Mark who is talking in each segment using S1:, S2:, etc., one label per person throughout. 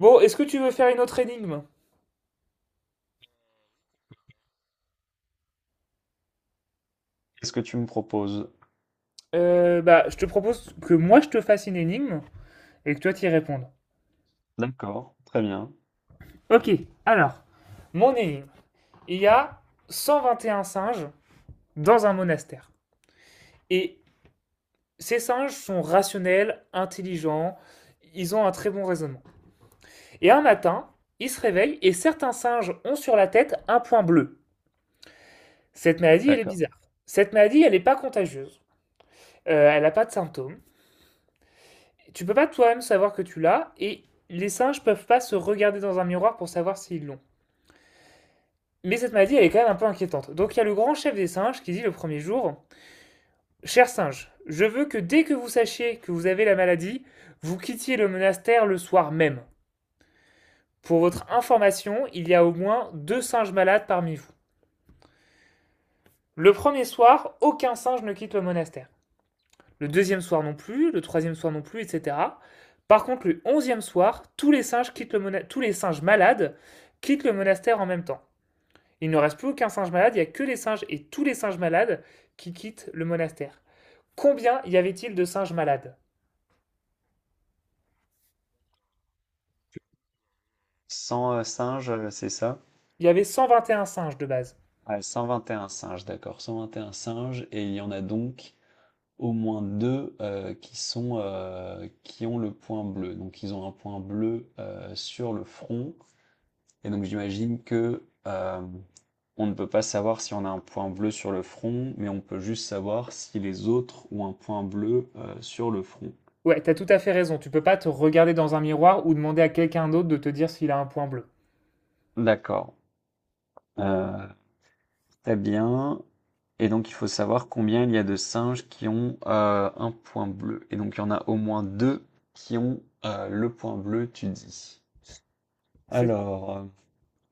S1: Bon, est-ce que tu veux faire une autre énigme?
S2: Qu'est-ce que tu me proposes?
S1: Je te propose que moi je te fasse une énigme et que toi t'y répondes.
S2: D'accord, très bien.
S1: Ok, alors, mon énigme. Il y a 121 singes dans un monastère. Et ces singes sont rationnels, intelligents, ils ont un très bon raisonnement. Et un matin, ils se réveillent et certains singes ont sur la tête un point bleu. Cette maladie, elle est
S2: D'accord.
S1: bizarre. Cette maladie, elle n'est pas contagieuse. Elle n'a pas de symptômes. Tu peux pas toi-même savoir que tu l'as, et les singes peuvent pas se regarder dans un miroir pour savoir s'ils l'ont. Mais cette maladie, elle est quand même un peu inquiétante. Donc il y a le grand chef des singes qui dit le premier jour: chers singes, je veux que dès que vous sachiez que vous avez la maladie, vous quittiez le monastère le soir même. Pour
S2: Mm.
S1: votre information, il y a au moins deux singes malades parmi vous. Le premier soir, aucun singe ne quitte le monastère. Le deuxième soir non plus, le troisième soir non plus, etc. Par contre, le onzième soir, tous les singes, quittent le tous les singes malades quittent le monastère en même temps. Il ne reste plus aucun singe malade, il n'y a que les singes et tous les singes malades qui quittent le monastère. Combien y avait-il de singes malades?
S2: 100 singes, c'est ça?
S1: Il y avait 121 singes de base.
S2: Ah, 121 singes, d'accord. 121 singes, et il y en a donc au moins deux qui sont, qui ont le point bleu. Donc ils ont un point bleu sur le front, et donc j'imagine que on ne peut pas savoir si on a un point bleu sur le front, mais on peut juste savoir si les autres ont un point bleu sur le front.
S1: Ouais, t'as tout à fait raison, tu peux pas te regarder dans un miroir ou demander à quelqu'un d'autre de te dire s'il a un point bleu.
S2: D'accord. Euh, Très bien. Et donc, il faut savoir combien il y a de singes qui ont un point bleu. Et donc, il y en a au moins deux qui ont le point bleu, tu dis.
S1: C'est ça.
S2: Alors, euh,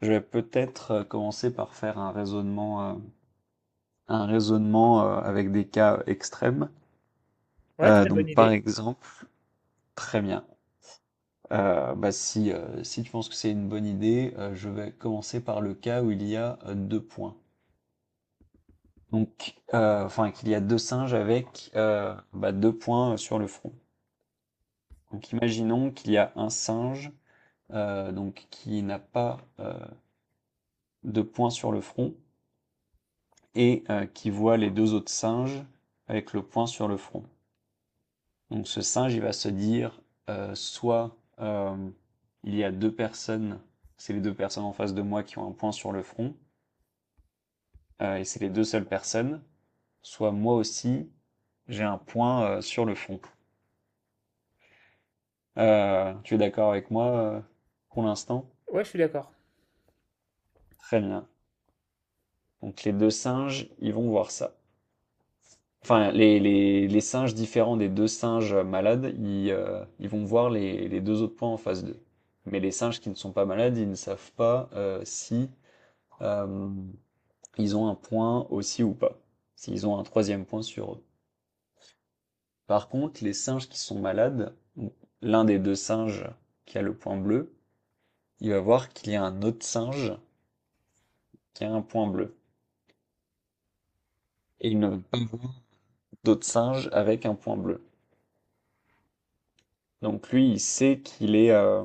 S2: je vais peut-être commencer par faire un raisonnement avec des cas extrêmes.
S1: Ouais, très
S2: Donc,
S1: bonne
S2: par
S1: idée.
S2: exemple, très bien. Bah si, si tu penses que c'est une bonne idée, je vais commencer par le cas où il y a deux points. Donc, enfin, qu'il y a deux singes avec bah, deux points sur le front. Donc, imaginons qu'il y a un singe donc qui n'a pas de point sur le front et qui voit les deux autres singes avec le point sur le front. Donc, ce singe, il va se dire soit il y a deux personnes, c'est les deux personnes en face de moi qui ont un point sur le front et c'est les deux seules personnes, soit moi aussi j'ai un point sur le front. Tu es d'accord avec moi pour l'instant?
S1: Ouais, je suis d'accord.
S2: Très bien. Donc les deux singes, ils vont voir ça. Enfin, les singes différents des deux singes malades, ils vont voir les deux autres points en face d'eux. Mais les singes qui ne sont pas malades, ils ne savent pas si euh, ils ont un point aussi ou pas. S'ils ont un troisième point sur eux. Par contre, les singes qui sont malades, l'un des deux singes qui a le point bleu, il va voir qu'il y a un autre singe qui a un point bleu. Et il ne veut pas voir d'autres singes avec un point bleu. Donc lui, il sait qu'il est,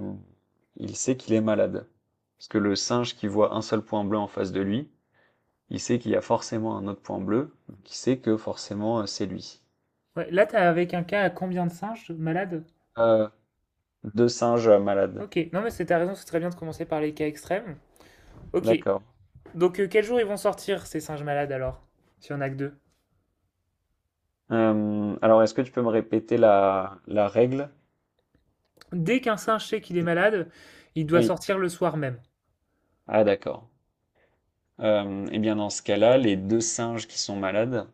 S2: il sait qu'il est malade. Parce que le singe qui voit un seul point bleu en face de lui, il sait qu'il y a forcément un autre point bleu, donc il sait que forcément c'est lui.
S1: Ouais, là, t'as avec un cas à combien de singes malades?
S2: Euh, Deux singes malades.
S1: Ok, non mais c'est ta raison, c'est très bien de commencer par les cas extrêmes. Ok,
S2: D'accord.
S1: donc quel jour ils vont sortir ces singes malades alors? S'il y en a que deux.
S2: Est-ce que tu peux me répéter la règle?
S1: Dès qu'un singe sait qu'il est malade, il doit
S2: Oui.
S1: sortir le soir même.
S2: Ah, d'accord. Eh bien, dans ce cas-là, les deux singes qui sont malades,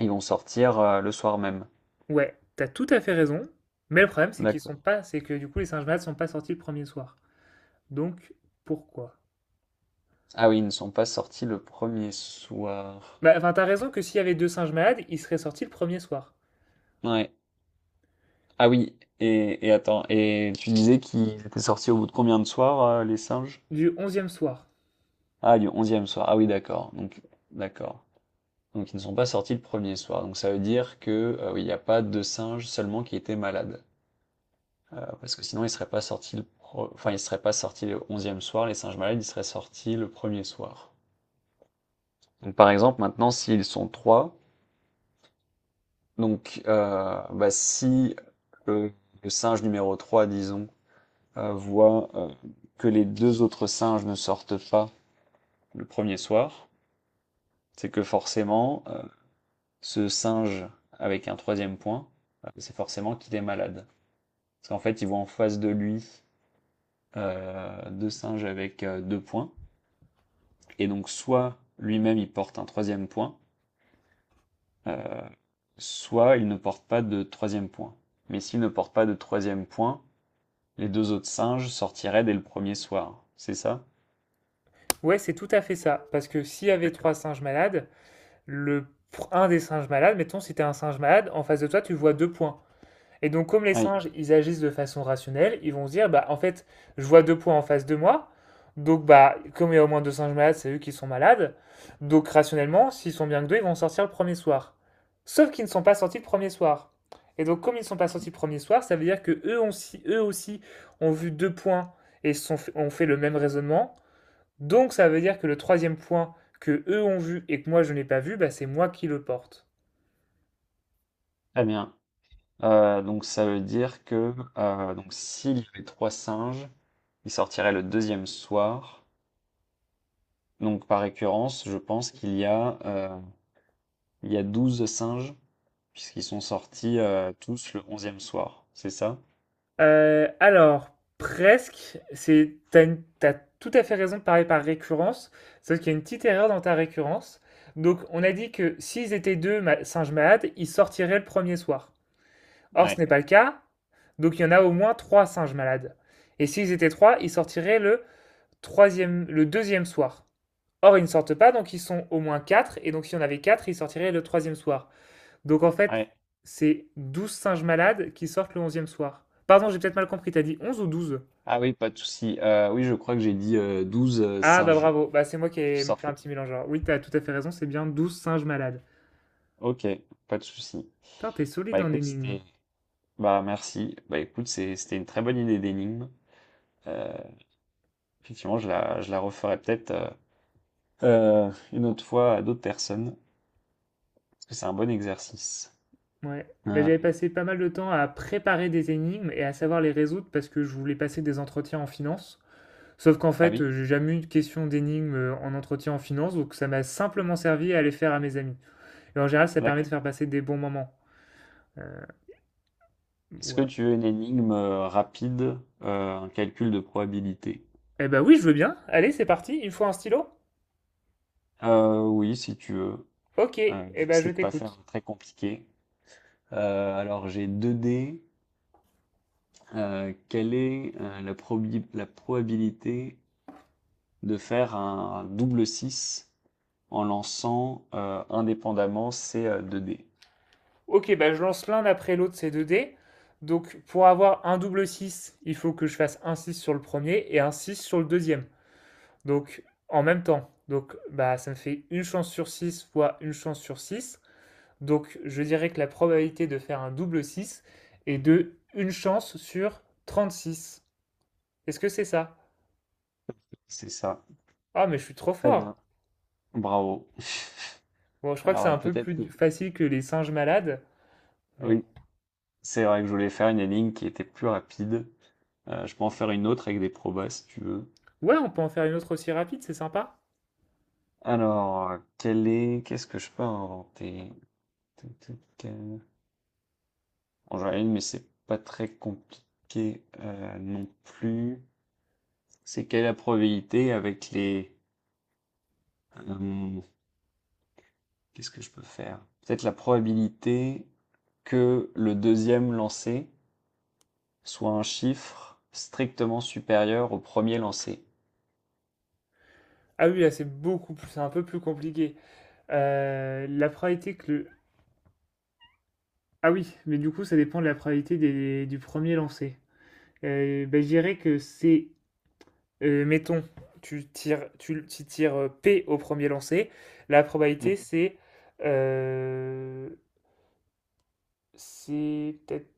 S2: ils vont sortir le soir même.
S1: Ouais, t'as tout à fait raison, mais le problème c'est qu'ils sont
S2: D'accord.
S1: pas, c'est que du coup les singes malades sont pas sortis le premier soir. Donc pourquoi?
S2: Ah oui, ils ne sont pas sortis le premier soir.
S1: Bah enfin t'as raison que s'il y avait deux singes malades, ils seraient sortis le premier soir,
S2: Ouais. Ah oui, et attends, et tu disais qu'ils étaient sortis au bout de combien de soirs, les singes?
S1: du onzième soir.
S2: Ah, du onzième soir. Ah oui, d'accord. D'accord. Donc, ils ne sont pas sortis le premier soir. Donc, ça veut dire que, oui, il n'y a pas deux singes seulement qui étaient malades. Parce que sinon, ils ne seraient pas sortis le pro- enfin, ils seraient pas sortis le onzième soir. Les singes malades, ils seraient sortis le premier soir. Donc, par exemple, maintenant, s'ils sont trois, donc, bah, si le, le singe numéro 3, disons, voit que les deux autres singes ne sortent pas le premier soir, c'est que forcément, ce singe avec un troisième point, c'est forcément qu'il est malade. Parce qu'en fait, il voit en face de lui deux singes avec deux points, et donc soit lui-même il porte un troisième point, euh, soit il ne porte pas de troisième point. Mais s'il ne porte pas de troisième point, les deux autres singes sortiraient dès le premier soir, c'est ça?
S1: Ouais, c'est tout à fait ça, parce que s'il y avait trois
S2: D'accord.
S1: singes malades, le un des singes malades, mettons si t'es un singe malade, en face de toi tu vois deux points. Et donc, comme les
S2: Oui,
S1: singes, ils agissent de façon rationnelle, ils vont se dire, bah, en fait, je vois deux points en face de moi. Donc, bah, comme il y a au moins deux singes malades, c'est eux qui sont malades. Donc, rationnellement, s'ils sont bien que deux, ils vont sortir le premier soir. Sauf qu'ils ne sont pas sortis le premier soir. Et donc, comme ils ne sont pas sortis le premier soir, ça veut dire que eux, ont eux aussi ont vu deux points et sont ont fait le même raisonnement. Donc, ça veut dire que le troisième point que eux ont vu et que moi je n'ai pas vu, bah, c'est moi qui le porte.
S2: très bien. Donc ça veut dire que donc s'il y avait trois singes, ils sortiraient le deuxième soir. Donc par récurrence, je pense qu'il y a il y a 12 singes puisqu'ils sont sortis tous le onzième soir. C'est ça?
S1: Alors, presque, t'as tout à fait raison de parler par récurrence, sauf qu'il y a une petite erreur dans ta récurrence. Donc, on a dit que s'ils étaient singes malades, ils sortiraient le premier soir. Or, ce
S2: Ouais,
S1: n'est pas le cas, donc il y en a au moins trois singes malades. Et s'ils étaient trois, ils sortiraient le le deuxième soir. Or, ils ne sortent pas, donc ils sont au moins quatre, et donc si on avait quatre, ils sortiraient le troisième soir. Donc en fait,
S2: ouais.
S1: c'est 12 singes malades qui sortent le 11e soir. Pardon, j'ai peut-être mal compris, t'as dit 11 ou douze?
S2: Ah oui, pas de souci. Oui, je crois que j'ai dit 12
S1: Ah bah
S2: singes
S1: bravo, bah c'est moi qui
S2: qui
S1: ai
S2: sortent
S1: fait
S2: le.
S1: un petit mélange. Alors oui, t'as tout à fait raison, c'est bien 12 singes malades.
S2: Ok, pas de souci.
S1: Putain, t'es
S2: Bah
S1: solide en
S2: écoute,
S1: énigmes.
S2: c'était Bah merci. Bah écoute, c'était une très bonne idée d'énigme. Euh, Effectivement, je la referai peut-être une autre fois à d'autres personnes, parce que c'est un bon exercice.
S1: Ouais. Bah,
S2: Euh,
S1: j'avais passé pas mal de temps à préparer des énigmes et à savoir les résoudre parce que je voulais passer des entretiens en finance. Sauf qu'en
S2: ah
S1: fait,
S2: oui,
S1: j'ai jamais eu de question d'énigmes en entretien en finance, donc ça m'a simplement servi à les faire à mes amis. Et en général, ça permet de
S2: d'accord.
S1: faire passer des bons moments. Euh,
S2: Est-ce que
S1: ouais.
S2: tu veux une énigme rapide, un calcul de probabilité?
S1: Eh ben oui, je veux bien. Allez, c'est parti. Il me faut un stylo.
S2: Oui, si tu veux.
S1: Ok,
S2: Je
S1: eh
S2: vais
S1: ben je
S2: essayer de pas faire
S1: t'écoute.
S2: très compliqué. Alors j'ai 2 dés. Quelle est la probabilité de faire un double six, en lançant indépendamment ces deux dés.
S1: Ok, ben je lance l'un après l'autre ces deux dés. Donc pour avoir un double 6, il faut que je fasse un 6 sur le premier et un 6 sur le deuxième. Donc en même temps. Donc bah ça me fait une chance sur 6 fois une chance sur 6. Donc je dirais que la probabilité de faire un double 6 est de une chance sur 36. Est-ce que c'est ça?
S2: C'est ça.
S1: Ah mais je suis trop
S2: Très
S1: fort.
S2: bien. Bravo.
S1: Bon, je crois que c'est un peu
S2: Peut-être que...
S1: plus facile que les singes malades, mais
S2: Oui, c'est vrai que je voulais faire une ligne qui était plus rapide. Je peux en faire une autre avec des probas si tu veux.
S1: ouais, on peut en faire une autre aussi rapide, c'est sympa.
S2: Quelle est... Qu'est-ce que je peux inventer? Tout, tout, Bon, j'en ai une, mais c'est pas très compliqué non plus. C'est quelle est la probabilité avec les... euh, Qu'est-ce que je peux faire? Peut-être la probabilité que le deuxième lancé soit un chiffre strictement supérieur au premier lancé.
S1: Ah oui, là c'est beaucoup plus, c'est un peu plus compliqué. La probabilité que le... Ah oui, mais du coup ça dépend de la probabilité du premier lancé. Ben, je dirais que mettons, tu tires P au premier lancé. La
S2: Oui,
S1: probabilité euh, c'est peut-être,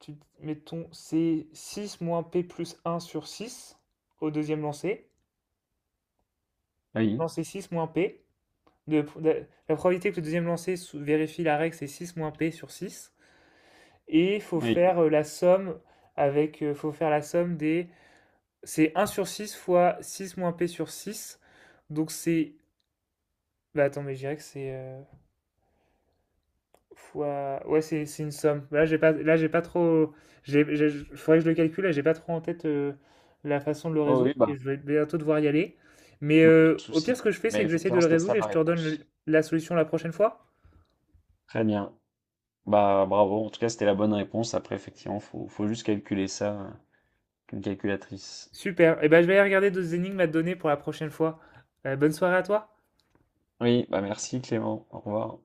S1: mettons, c'est 6 moins P plus un sur 6 au deuxième lancé.
S2: oui,
S1: Non, c'est 6 moins P. La probabilité que le deuxième lancer vérifie la règle, c'est 6 moins P sur six. Et il faut
S2: oui.
S1: faire la somme avec, faut faire c'est un sur 6 fois 6 moins P sur six. Donc bah attends, mais je dirais que c'est ouais, c'est une somme. Là, j'ai pas trop, j'ai, faudrait que je le calcule, là, j'ai pas trop en tête la façon de le
S2: Oh
S1: résoudre
S2: oui,
S1: et
S2: bah,
S1: je vais bientôt devoir y aller. Mais
S2: bah, pas de
S1: au
S2: souci.
S1: pire, ce que je fais, c'est
S2: Mais
S1: que j'essaie de
S2: effectivement,
S1: le
S2: c'était ça
S1: résoudre et
S2: la
S1: je te redonne
S2: réponse.
S1: la solution la prochaine fois.
S2: Très bien. Bah, bravo. En tout cas, c'était la bonne réponse. Après, effectivement, faut juste calculer ça avec une calculatrice.
S1: Super. Et ben, je vais aller regarder d'autres énigmes à te donner pour la prochaine fois. Bonne soirée à toi.
S2: Oui, bah merci Clément. Au revoir.